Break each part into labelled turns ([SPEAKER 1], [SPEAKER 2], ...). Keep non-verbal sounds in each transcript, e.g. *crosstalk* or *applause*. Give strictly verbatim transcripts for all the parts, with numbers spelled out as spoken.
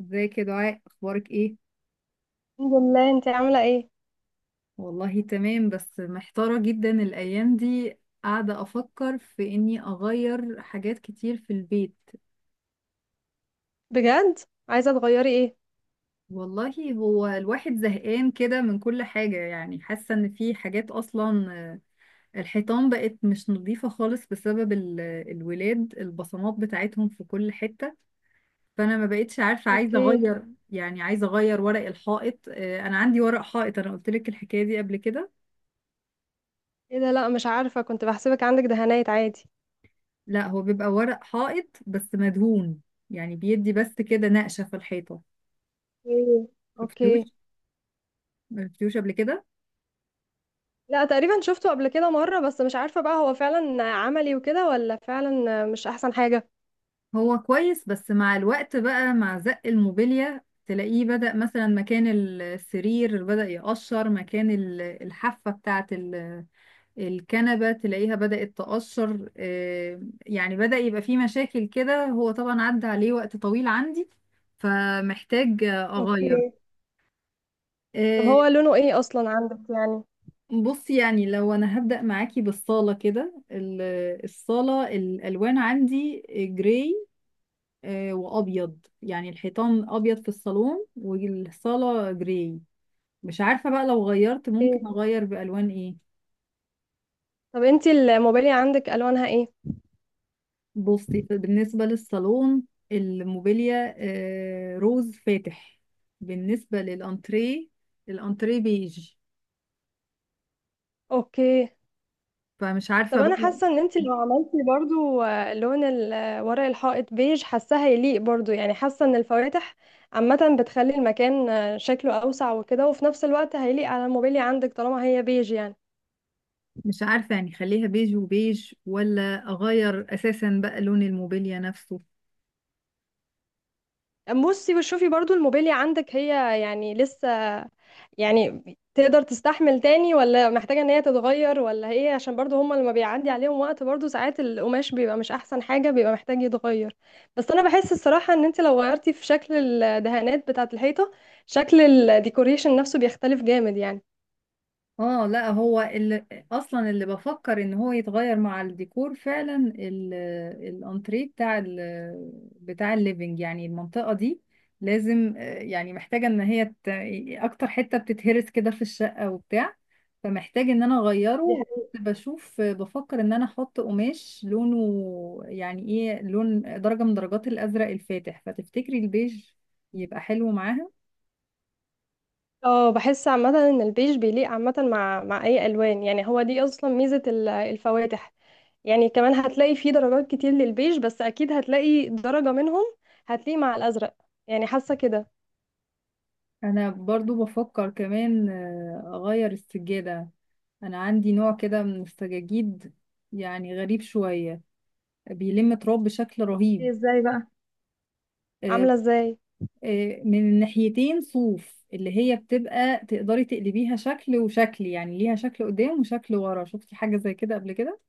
[SPEAKER 1] ازيك يا دعاء؟ اخبارك ايه؟
[SPEAKER 2] الحمد لله، انت عاملة ايه؟
[SPEAKER 1] والله تمام، بس محتارة جدا الايام دي. قاعدة افكر في اني اغير حاجات كتير في البيت.
[SPEAKER 2] بجد؟ عايزة تغيري ايه؟
[SPEAKER 1] والله، هو الواحد زهقان كده من كل حاجة، يعني حاسة ان في حاجات اصلا آه، الحيطان بقت مش نظيفة خالص بسبب ال- الولاد، البصمات بتاعتهم في كل حتة. فانا ما بقتش عارفة عايزة
[SPEAKER 2] اوكي.
[SPEAKER 1] اغير. يعني عايزة اغير ورق الحائط. آه، انا عندي ورق حائط، انا قلت لك الحكاية دي قبل كده.
[SPEAKER 2] ايه ده؟ لا، مش عارفة، كنت بحسبك عندك دهانات عادي.
[SPEAKER 1] لا، هو بيبقى ورق حائط بس مدهون، يعني بيدي بس كده نقشة في الحيطة.
[SPEAKER 2] ايه.
[SPEAKER 1] شفتوش
[SPEAKER 2] اوكي.
[SPEAKER 1] شفتوش قبل كده؟
[SPEAKER 2] لا، تقريبا شفته قبل كده مرة، بس مش عارفة بقى هو فعلا عملي وكده ولا فعلا مش احسن حاجة.
[SPEAKER 1] هو كويس، بس مع الوقت بقى، مع زق الموبيليا تلاقيه بدأ، مثلا مكان السرير بدأ يقشر، مكان ال- الحافة بتاعة ال- الكنبة تلاقيها بدأت تقشر. آه، يعني بدأ يبقى فيه مشاكل كده. هو طبعا عدى عليه وقت طويل عندي، فمحتاج أغير.
[SPEAKER 2] اوكي. طب
[SPEAKER 1] آه،
[SPEAKER 2] هو لونه ايه اصلا عندك يعني؟
[SPEAKER 1] بص، يعني لو انا هبدأ معاكي بالصالة كده، ال- الصالة، الالوان عندي جراي آه، وابيض، يعني الحيطان ابيض في الصالون والصالة جراي. مش عارفة بقى لو غيرت
[SPEAKER 2] ايه.
[SPEAKER 1] ممكن اغير بالوان ايه؟
[SPEAKER 2] طب انت الموبايل عندك الوانها ايه؟
[SPEAKER 1] بصي، بالنسبة للصالون، الموبيليا آه، روز فاتح. بالنسبة للانتريه، الانتريه بيج.
[SPEAKER 2] اوكي.
[SPEAKER 1] فمش عارفة
[SPEAKER 2] طب انا
[SPEAKER 1] بقى.
[SPEAKER 2] حاسه ان انت لو عملتي برضو آه، لون ال- آه، ورق الحائط بيج، حاساه هيليق برضو. يعني حاسه ان الفواتح عامه بتخلي المكان آه، شكله اوسع وكده، وفي نفس الوقت هيليق على الموبيليا عندك طالما هي بيج يعني.
[SPEAKER 1] مش عارفة يعني، خليها بيج وبيج ولا اغير اساسا بقى لون الموبيليا نفسه؟
[SPEAKER 2] بصي وشوفي برضو الموبيليا عندك، هي يعني لسه، يعني تقدر تستحمل تاني ولا محتاجة ان هي تتغير، ولا هي عشان برضو هما لما بيعدي عليهم وقت برضو ساعات القماش بيبقى مش احسن حاجة، بيبقى محتاج يتغير. بس انا بحس الصراحة ان انت لو غيرتي في شكل الدهانات بتاعة الحيطة، شكل الديكوريشن نفسه بيختلف جامد يعني.
[SPEAKER 1] اه، لا، هو اللي اصلا اللي بفكر ان هو يتغير مع الديكور فعلا، ال- الانتريه بتاع ال بتاع الليفينج يعني، المنطقة دي لازم آه، يعني، محتاجة ان هي ت- اكتر حتة بتتهرس كده في الشقة وبتاع. فمحتاج ان انا اغيره،
[SPEAKER 2] دي
[SPEAKER 1] وكنت
[SPEAKER 2] حقيقة.
[SPEAKER 1] بشوف آه، بفكر ان انا احط قماش لونه، يعني ايه، لون درجة من درجات الازرق الفاتح. فتفتكري البيج يبقى حلو معاها؟
[SPEAKER 2] اه، بحس عامة ان البيج بيليق عامة مع مع اي الوان. يعني هو دي اصلا ميزة ال- الفواتح. يعني كمان هتلاقي فيه درجات كتير للبيج، بس اكيد هتلاقي درجة منهم هتلاقي مع الازرق، يعني حاسة كده.
[SPEAKER 1] انا برضو بفكر كمان آه، اغير السجادة. انا عندي نوع كده من السجاجيد، يعني غريب شوية، بيلم تراب بشكل رهيب.
[SPEAKER 2] إيه ازاي بقى؟
[SPEAKER 1] آه،
[SPEAKER 2] عاملة ازاي؟
[SPEAKER 1] آه، من الناحيتين صوف، اللي هي بتبقى تقدري تقلبيها شكل وشكل، يعني ليها شكل قدام وشكل ورا. شفتي حاجة زي كده قبل كده؟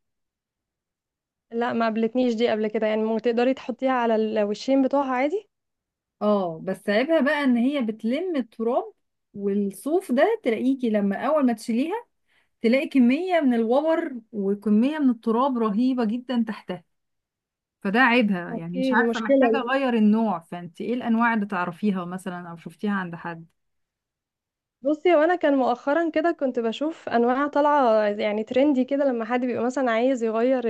[SPEAKER 2] لا، ما قابلتنيش دي قبل كده، يعني ممكن تقدري تحطيها على الوشين بتوعها عادي.
[SPEAKER 1] اه، بس عيبها بقى ان هي بتلم التراب، والصوف ده تلاقيكي لما اول ما تشيليها، تلاقي كمية من الوبر وكمية من التراب رهيبة جدا تحتها. فده عيبها يعني. مش
[SPEAKER 2] اوكي، دي
[SPEAKER 1] عارفة، محتاجة
[SPEAKER 2] مشكلة دي.
[SPEAKER 1] أغير النوع. فأنت إيه الأنواع اللي تعرفيها مثلا أو شفتيها عند حد؟
[SPEAKER 2] بصي، وانا كان مؤخرا كده كنت بشوف انواع طالعة يعني ترندي كده، لما حد بيبقى مثلا عايز يغير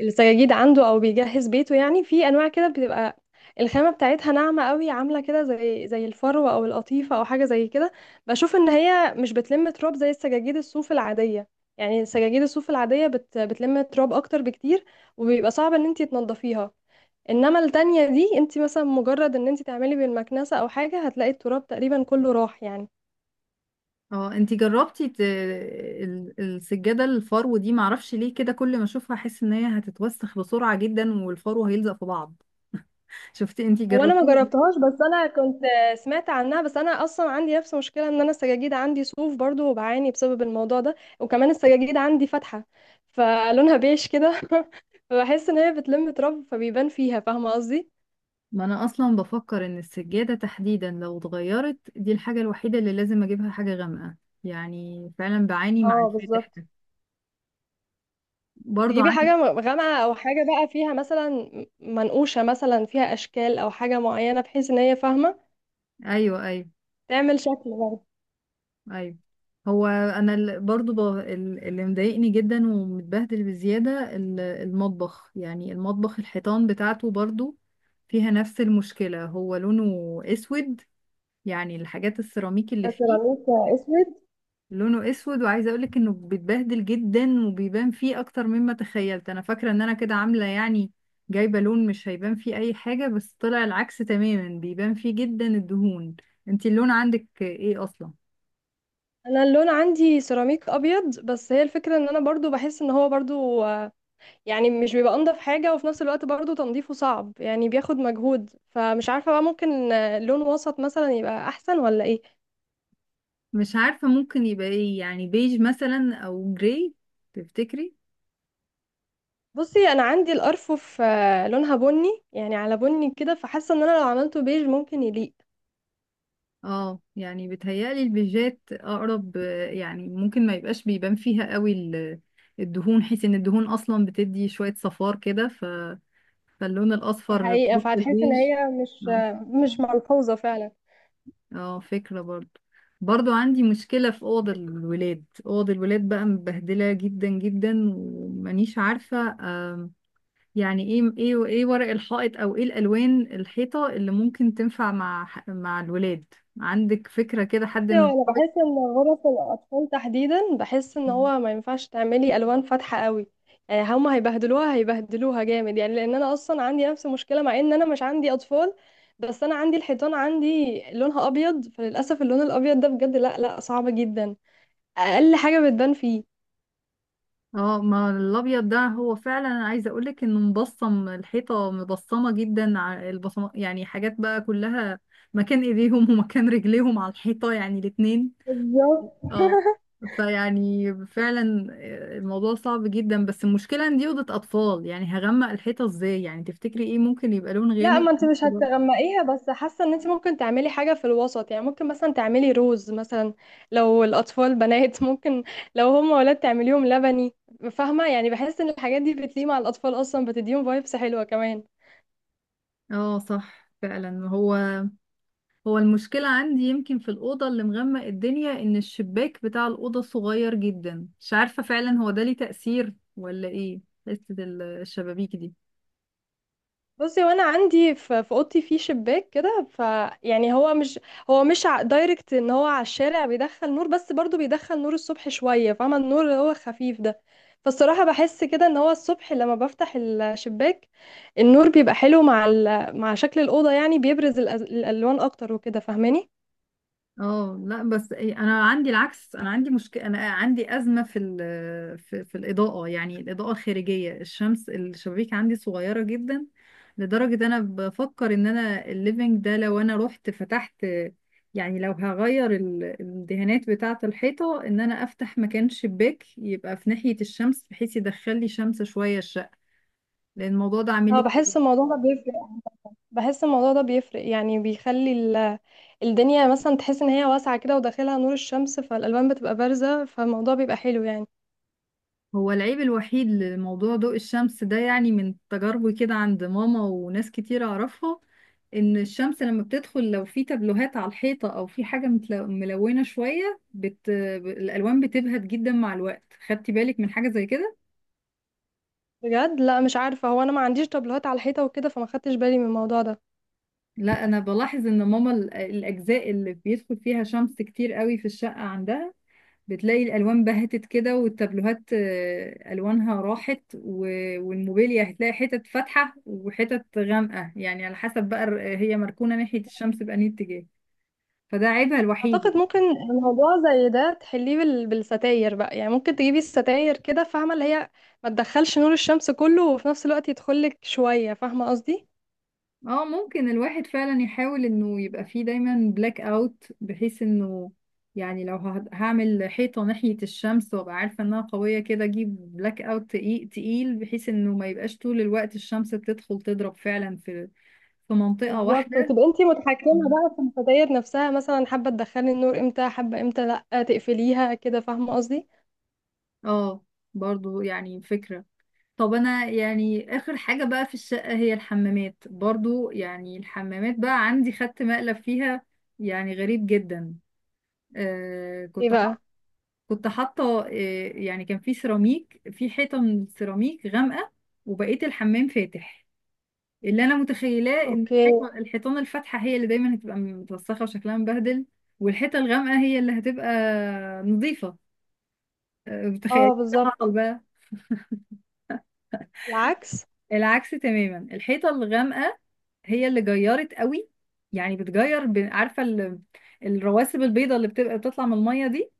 [SPEAKER 2] السجاجيد عنده او بيجهز بيته. يعني في انواع كده بتبقى الخامه بتاعتها ناعمه قوي، عامله كده زي زي الفروه او القطيفه او حاجه زي كده. بشوف ان هي مش بتلم تراب زي السجاجيد الصوف العاديه، يعني سجاجيد الصوف العاديه بت بتلم تراب اكتر بكتير، وبيبقى صعب ان انتي تنضفيها. انما التانية دي، انتي مثلا مجرد ان انتي تعملي بالمكنسه او حاجه هتلاقي التراب تقريبا كله راح يعني.
[SPEAKER 1] اه، انتي جربتي ت... ال- السجادة الفرو دي؟ معرفش ليه كده كل ما اشوفها احس ان هي هتتوسخ بسرعة جدا، والفرو هيلزق في بعض. شفتي، انتي
[SPEAKER 2] هو انا ما
[SPEAKER 1] جربتيها؟
[SPEAKER 2] جربتهاش، بس انا كنت سمعت عنها. بس انا اصلا عندي نفس مشكله ان انا السجاجيد عندي صوف برضو، وبعاني بسبب الموضوع ده. وكمان السجاجيد عندي فاتحه، فلونها بيش كده *laughs* فبحس ان هي بتلم تراب فبيبان فيها، فاهمه قصدي.
[SPEAKER 1] ما انا اصلا بفكر ان السجادة تحديدا لو اتغيرت، دي الحاجة الوحيدة اللي لازم اجيبها حاجة غامقة. يعني فعلا بعاني مع
[SPEAKER 2] اه،
[SPEAKER 1] الفاتح
[SPEAKER 2] بالظبط.
[SPEAKER 1] ده. برضو
[SPEAKER 2] تجيبي حاجه
[SPEAKER 1] عندي.
[SPEAKER 2] غامقه، او حاجه بقى فيها مثلا منقوشه، مثلا فيها اشكال او حاجه معينه بحيث ان هي فاهمه
[SPEAKER 1] ايوه، ايوه،
[SPEAKER 2] تعمل شكل برضه.
[SPEAKER 1] ايوه. هو انا ال- برضو ب- ال- اللي مضايقني جدا ومتبهدل بزياده ال- المطبخ، يعني المطبخ الحيطان بتاعته برضو فيها نفس المشكله. هو لونه اسود، يعني الحاجات السيراميك اللي فيه
[SPEAKER 2] سيراميك؟ اسود؟
[SPEAKER 1] لونه اسود، وعايزه اقولك انه بيتبهدل جدا وبيبان فيه اكتر مما تخيلت. انا فاكره ان انا كده عامله يعني، جايبه لون مش هيبان فيه اي حاجه، بس طلع العكس تماما، بيبان فيه جدا الدهون. انتي اللون عندك ايه اصلا؟
[SPEAKER 2] انا اللون عندي سيراميك ابيض، بس هي الفكره ان انا برضو بحس ان هو برضو يعني مش بيبقى انضف حاجة، وفي نفس الوقت برضو تنظيفه صعب يعني بياخد مجهود. فمش عارفة بقى، ممكن آه، لون وسط مثلا يبقى احسن ولا ايه؟
[SPEAKER 1] مش عارفة ممكن يبقى ايه، يعني بيج مثلا او جراي. تفتكري؟
[SPEAKER 2] بصي، انا عندي الارفف آه، لونها بني، يعني على بني كده، فحاسة ان انا لو عملته بيج ممكن يليق.
[SPEAKER 1] اه، يعني بتهيألي البيجات اقرب آه، يعني ممكن ما يبقاش بيبان فيها قوي ال- الدهون، حيث ان الدهون اصلا بتدي شوية صفار كده ف... فاللون
[SPEAKER 2] دي
[SPEAKER 1] الاصفر في
[SPEAKER 2] حقيقة،
[SPEAKER 1] وسط
[SPEAKER 2] فهتحس ان
[SPEAKER 1] البيج.
[SPEAKER 2] هي مش
[SPEAKER 1] اه،
[SPEAKER 2] آه، مش ملحوظة فعلا.
[SPEAKER 1] اه، فكرة برضو. برضو عندي مشكلة في أوض الولاد أوض الولاد بقى، مبهدلة جدا جدا، ومانيش عارفة يعني ايه ايه ايه ورق الحائط او ايه الالوان الحيطه اللي ممكن تنفع مع ح- مع الولاد. عندك فكره كده، حد
[SPEAKER 2] بصي،
[SPEAKER 1] من
[SPEAKER 2] هو انا
[SPEAKER 1] اصحابك؟
[SPEAKER 2] بحس ان غرف الاطفال تحديدا، بحس ان هو ما ينفعش تعملي الوان فاتحه قوي، يعني هما هيبهدلوها هيبهدلوها جامد يعني. لان انا اصلا عندي نفس المشكله، مع ان انا مش عندي اطفال، بس انا عندي الحيطان عندي لونها ابيض، فللاسف اللون الابيض ده بجد لا لا، صعب جدا. اقل حاجه بتبان فيه.
[SPEAKER 1] اه، ما الابيض ده هو فعلا، انا عايزه اقولك انه مبصم. الحيطه مبصمه جدا، ع- البصمه يعني حاجات بقى كلها مكان ايديهم *laughs* ومكان رجليهم على الحيطه، يعني الاتنين.
[SPEAKER 2] بالظبط
[SPEAKER 1] اه.
[SPEAKER 2] *laughs*
[SPEAKER 1] فيعني فعلا آه، الموضوع صعب جدا، بس المشكله ان دي اوضه اطفال، يعني هغمق الحيطه ازاي يعني؟ تفتكري ايه ممكن يبقى لون
[SPEAKER 2] لا،
[SPEAKER 1] غامق؟
[SPEAKER 2] ما انت مش هتغمقيها، بس حاسه ان انت ممكن تعملي حاجه في الوسط، يعني ممكن مثلا تعملي روز مثلا لو الاطفال بنات *laughs* ممكن لو هم ولاد تعمليهم لبني، فاهمه؟ يعني بحس ان الحاجات دي بتليق مع الاطفال اصلا، بتديهم فايبس حلوه كمان.
[SPEAKER 1] اه، صح فعلا. هو هو المشكلة عندي يمكن في الأوضة اللي مغمق الدنيا، إن الشباك بتاع الأوضة صغير جدا. مش عارفة فعلا هو ده ليه تأثير ولا إيه، حتة ال- الشبابيك دي؟
[SPEAKER 2] بصي، وانا عندي في في اوضتي في شباك كده، فيعني هو مش هو مش ع- دايركت ان هو على الشارع بيدخل نور، بس برضو بيدخل نور الصبح شويه، فاهمه النور اللي هو خفيف ده. فالصراحه بحس كده ان هو الصبح لما بفتح الشباك النور بيبقى حلو مع ال... مع شكل الاوضه، يعني بيبرز الأز... الالوان اكتر وكده، فاهماني؟
[SPEAKER 1] اه، لا بس إيه، انا عندي العكس، انا عندي مشكله، انا عندي ازمه في ال في, في الاضاءه، يعني الاضاءه الخارجيه الشمس. الشبابيك عندي صغيره جدا، لدرجه انا بفكر ان انا الليفينج ده لو انا رحت فتحت، يعني لو هغير ال- الدهانات بتاعه الحيطه، ان انا افتح مكان شباك يبقى في ناحيه الشمس، بحيث يدخل لي شمس شويه الشقه، لان الموضوع ده عامل
[SPEAKER 2] اه،
[SPEAKER 1] لي.
[SPEAKER 2] بحس الموضوع ده بيفرق. بحس الموضوع ده بيفرق يعني بيخلي ال... الدنيا مثلا تحس ان هي واسعه كده، وداخلها نور الشمس، فالالوان بتبقى بارزه، فالموضوع بيبقى حلو يعني.
[SPEAKER 1] هو العيب الوحيد لموضوع ضوء الشمس ده، يعني من تجاربي كده عند ماما وناس كتير أعرفها، إن الشمس لما بتدخل، لو في تابلوهات على الحيطة أو في حاجة متل- ملونة شوية بت... ب- الألوان بتبهت جدا مع الوقت. خدتي بالك من حاجة زي كده؟
[SPEAKER 2] بجد؟ لا، مش عارفة، هو أنا ما عنديش طابلوهات على الحيطة وكده، فما خدتش بالي من الموضوع ده.
[SPEAKER 1] لا، أنا بلاحظ إن ماما، ال- الأجزاء اللي بيدخل فيها شمس كتير قوي في الشقة عندها، بتلاقي الالوان بهتت كده، والتابلوهات آه، الوانها راحت، و- والموبيليا هتلاقي حتت فاتحه وحتت غامقه، يعني على حسب بقى الر- هي مركونه ناحيه الشمس بأنهي اتجاه. فده عيبها الوحيد
[SPEAKER 2] أعتقد
[SPEAKER 1] يعني.
[SPEAKER 2] ممكن موضوع زي ده تحليه بال... بالستاير بقى، يعني ممكن تجيبي الستاير كده، فاهمة، اللي هي ما تدخلش نور الشمس كله وفي نفس الوقت يدخلك شوية، فاهمة قصدي.
[SPEAKER 1] اه، ممكن الواحد فعلا يحاول انه يبقى فيه دايما بلاك اوت، بحيث انه، يعني لو ه- هعمل حيطه ناحيه الشمس وابقى عارفه انها قويه كده، اجيب بلاك اوت تقيل تقيل، بحيث انه ما يبقاش طول الوقت الشمس بتدخل تضرب فعلا في في منطقه
[SPEAKER 2] بالظبط،
[SPEAKER 1] واحده.
[SPEAKER 2] وتبقى انتي متحكمة بقى في الستاير نفسها، مثلا حابة تدخلي النور امتى، حابة امتى لا تقفليها كده، فاهمة قصدي.
[SPEAKER 1] اه، برضو يعني فكرة. طب انا يعني اخر حاجة بقى في الشقة هي الحمامات. برضو يعني الحمامات بقى عندي خدت مقلب فيها، يعني غريب جدا. آه
[SPEAKER 2] ايه
[SPEAKER 1] كنت
[SPEAKER 2] بقى؟
[SPEAKER 1] حط كنت حاطة آه يعني كان في سيراميك، في حيطة من السيراميك غامقة، وبقيت الحمام فاتح. اللي انا متخيلاه ان
[SPEAKER 2] اوكي.
[SPEAKER 1] الحيطة الحيطان الفاتحة هي اللي دايما هتبقى متوسخة وشكلها مبهدل، والحيطة الغامقة هي اللي هتبقى نظيفة. آه، متخيل إيه
[SPEAKER 2] اه،
[SPEAKER 1] اللي حصل
[SPEAKER 2] بالظبط.
[SPEAKER 1] بقى؟
[SPEAKER 2] العكس.
[SPEAKER 1] العكس تماما. الحيطة الغامقة هي اللي جيرت قوي، يعني بتجير، ب- عارفة ال- الرواسب البيضة اللي بتبقى بتطلع من المية دي.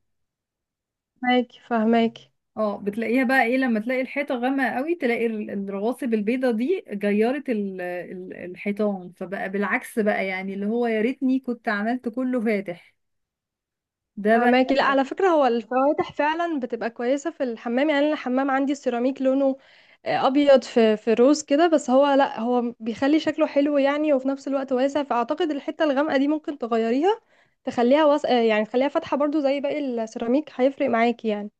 [SPEAKER 2] فاهماكي فاهماكي.
[SPEAKER 1] اه، بتلاقيها بقى ايه، لما تلاقي الحيطة غامقة قوي، تلاقي ال- الرواسب البيضة دي جيرت ال- ال- الحيطان. فبقى بالعكس بقى يعني، اللي هو يا ريتني كنت عملت كله فاتح ده بقى.
[SPEAKER 2] فماكي. لا، على فكرة، هو الفواتح فعلا بتبقى كويسة في الحمام، يعني أنا الحمام عندي السيراميك لونه آه، أبيض في في روز كده، بس هو، لا، هو بيخلي شكله حلو يعني، وفي نفس الوقت واسع. فأعتقد الحتة الغامقة دي ممكن تغيريها، تخليها وس... آه، يعني تخليها فاتحة برضو زي باقي السيراميك، هيفرق معاكي يعني.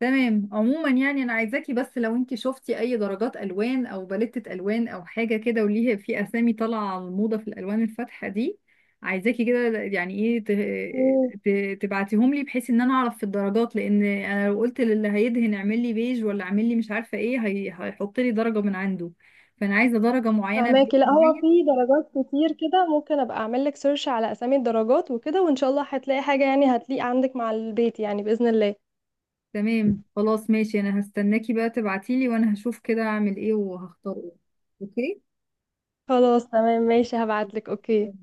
[SPEAKER 1] تمام. عموما يعني انا عايزاكي، بس لو انت شفتي اي درجات الوان او باليتة الوان او حاجه كده وليها في اسامي طالعه على الموضه في الالوان الفاتحه دي، عايزاكي كده يعني ايه،
[SPEAKER 2] مم.
[SPEAKER 1] ت- ت- تبعتيهم لي، بحيث ان انا اعرف في الدرجات. لان انا لو قلت للي هيدهن اعمل لي بيج ولا اعمل لي مش عارفه ايه، هي- هيحط لي درجه من عنده. فانا عايزه درجه معينه، بيج
[SPEAKER 2] فماكي، لا هو
[SPEAKER 1] معين.
[SPEAKER 2] في درجات كتير كده، ممكن أبقى أعمل لك سيرش على أسامي الدرجات وكده، وإن شاء الله هتلاقي حاجة يعني هتليق عندك مع البيت يعني، بإذن الله.
[SPEAKER 1] تمام خلاص، ماشي. انا هستناكي بقى تبعتيلي، وانا هشوف كده اعمل ايه وهختار ايه. اوكي.
[SPEAKER 2] خلاص، تمام ماشي، هبعت لك. أوكي.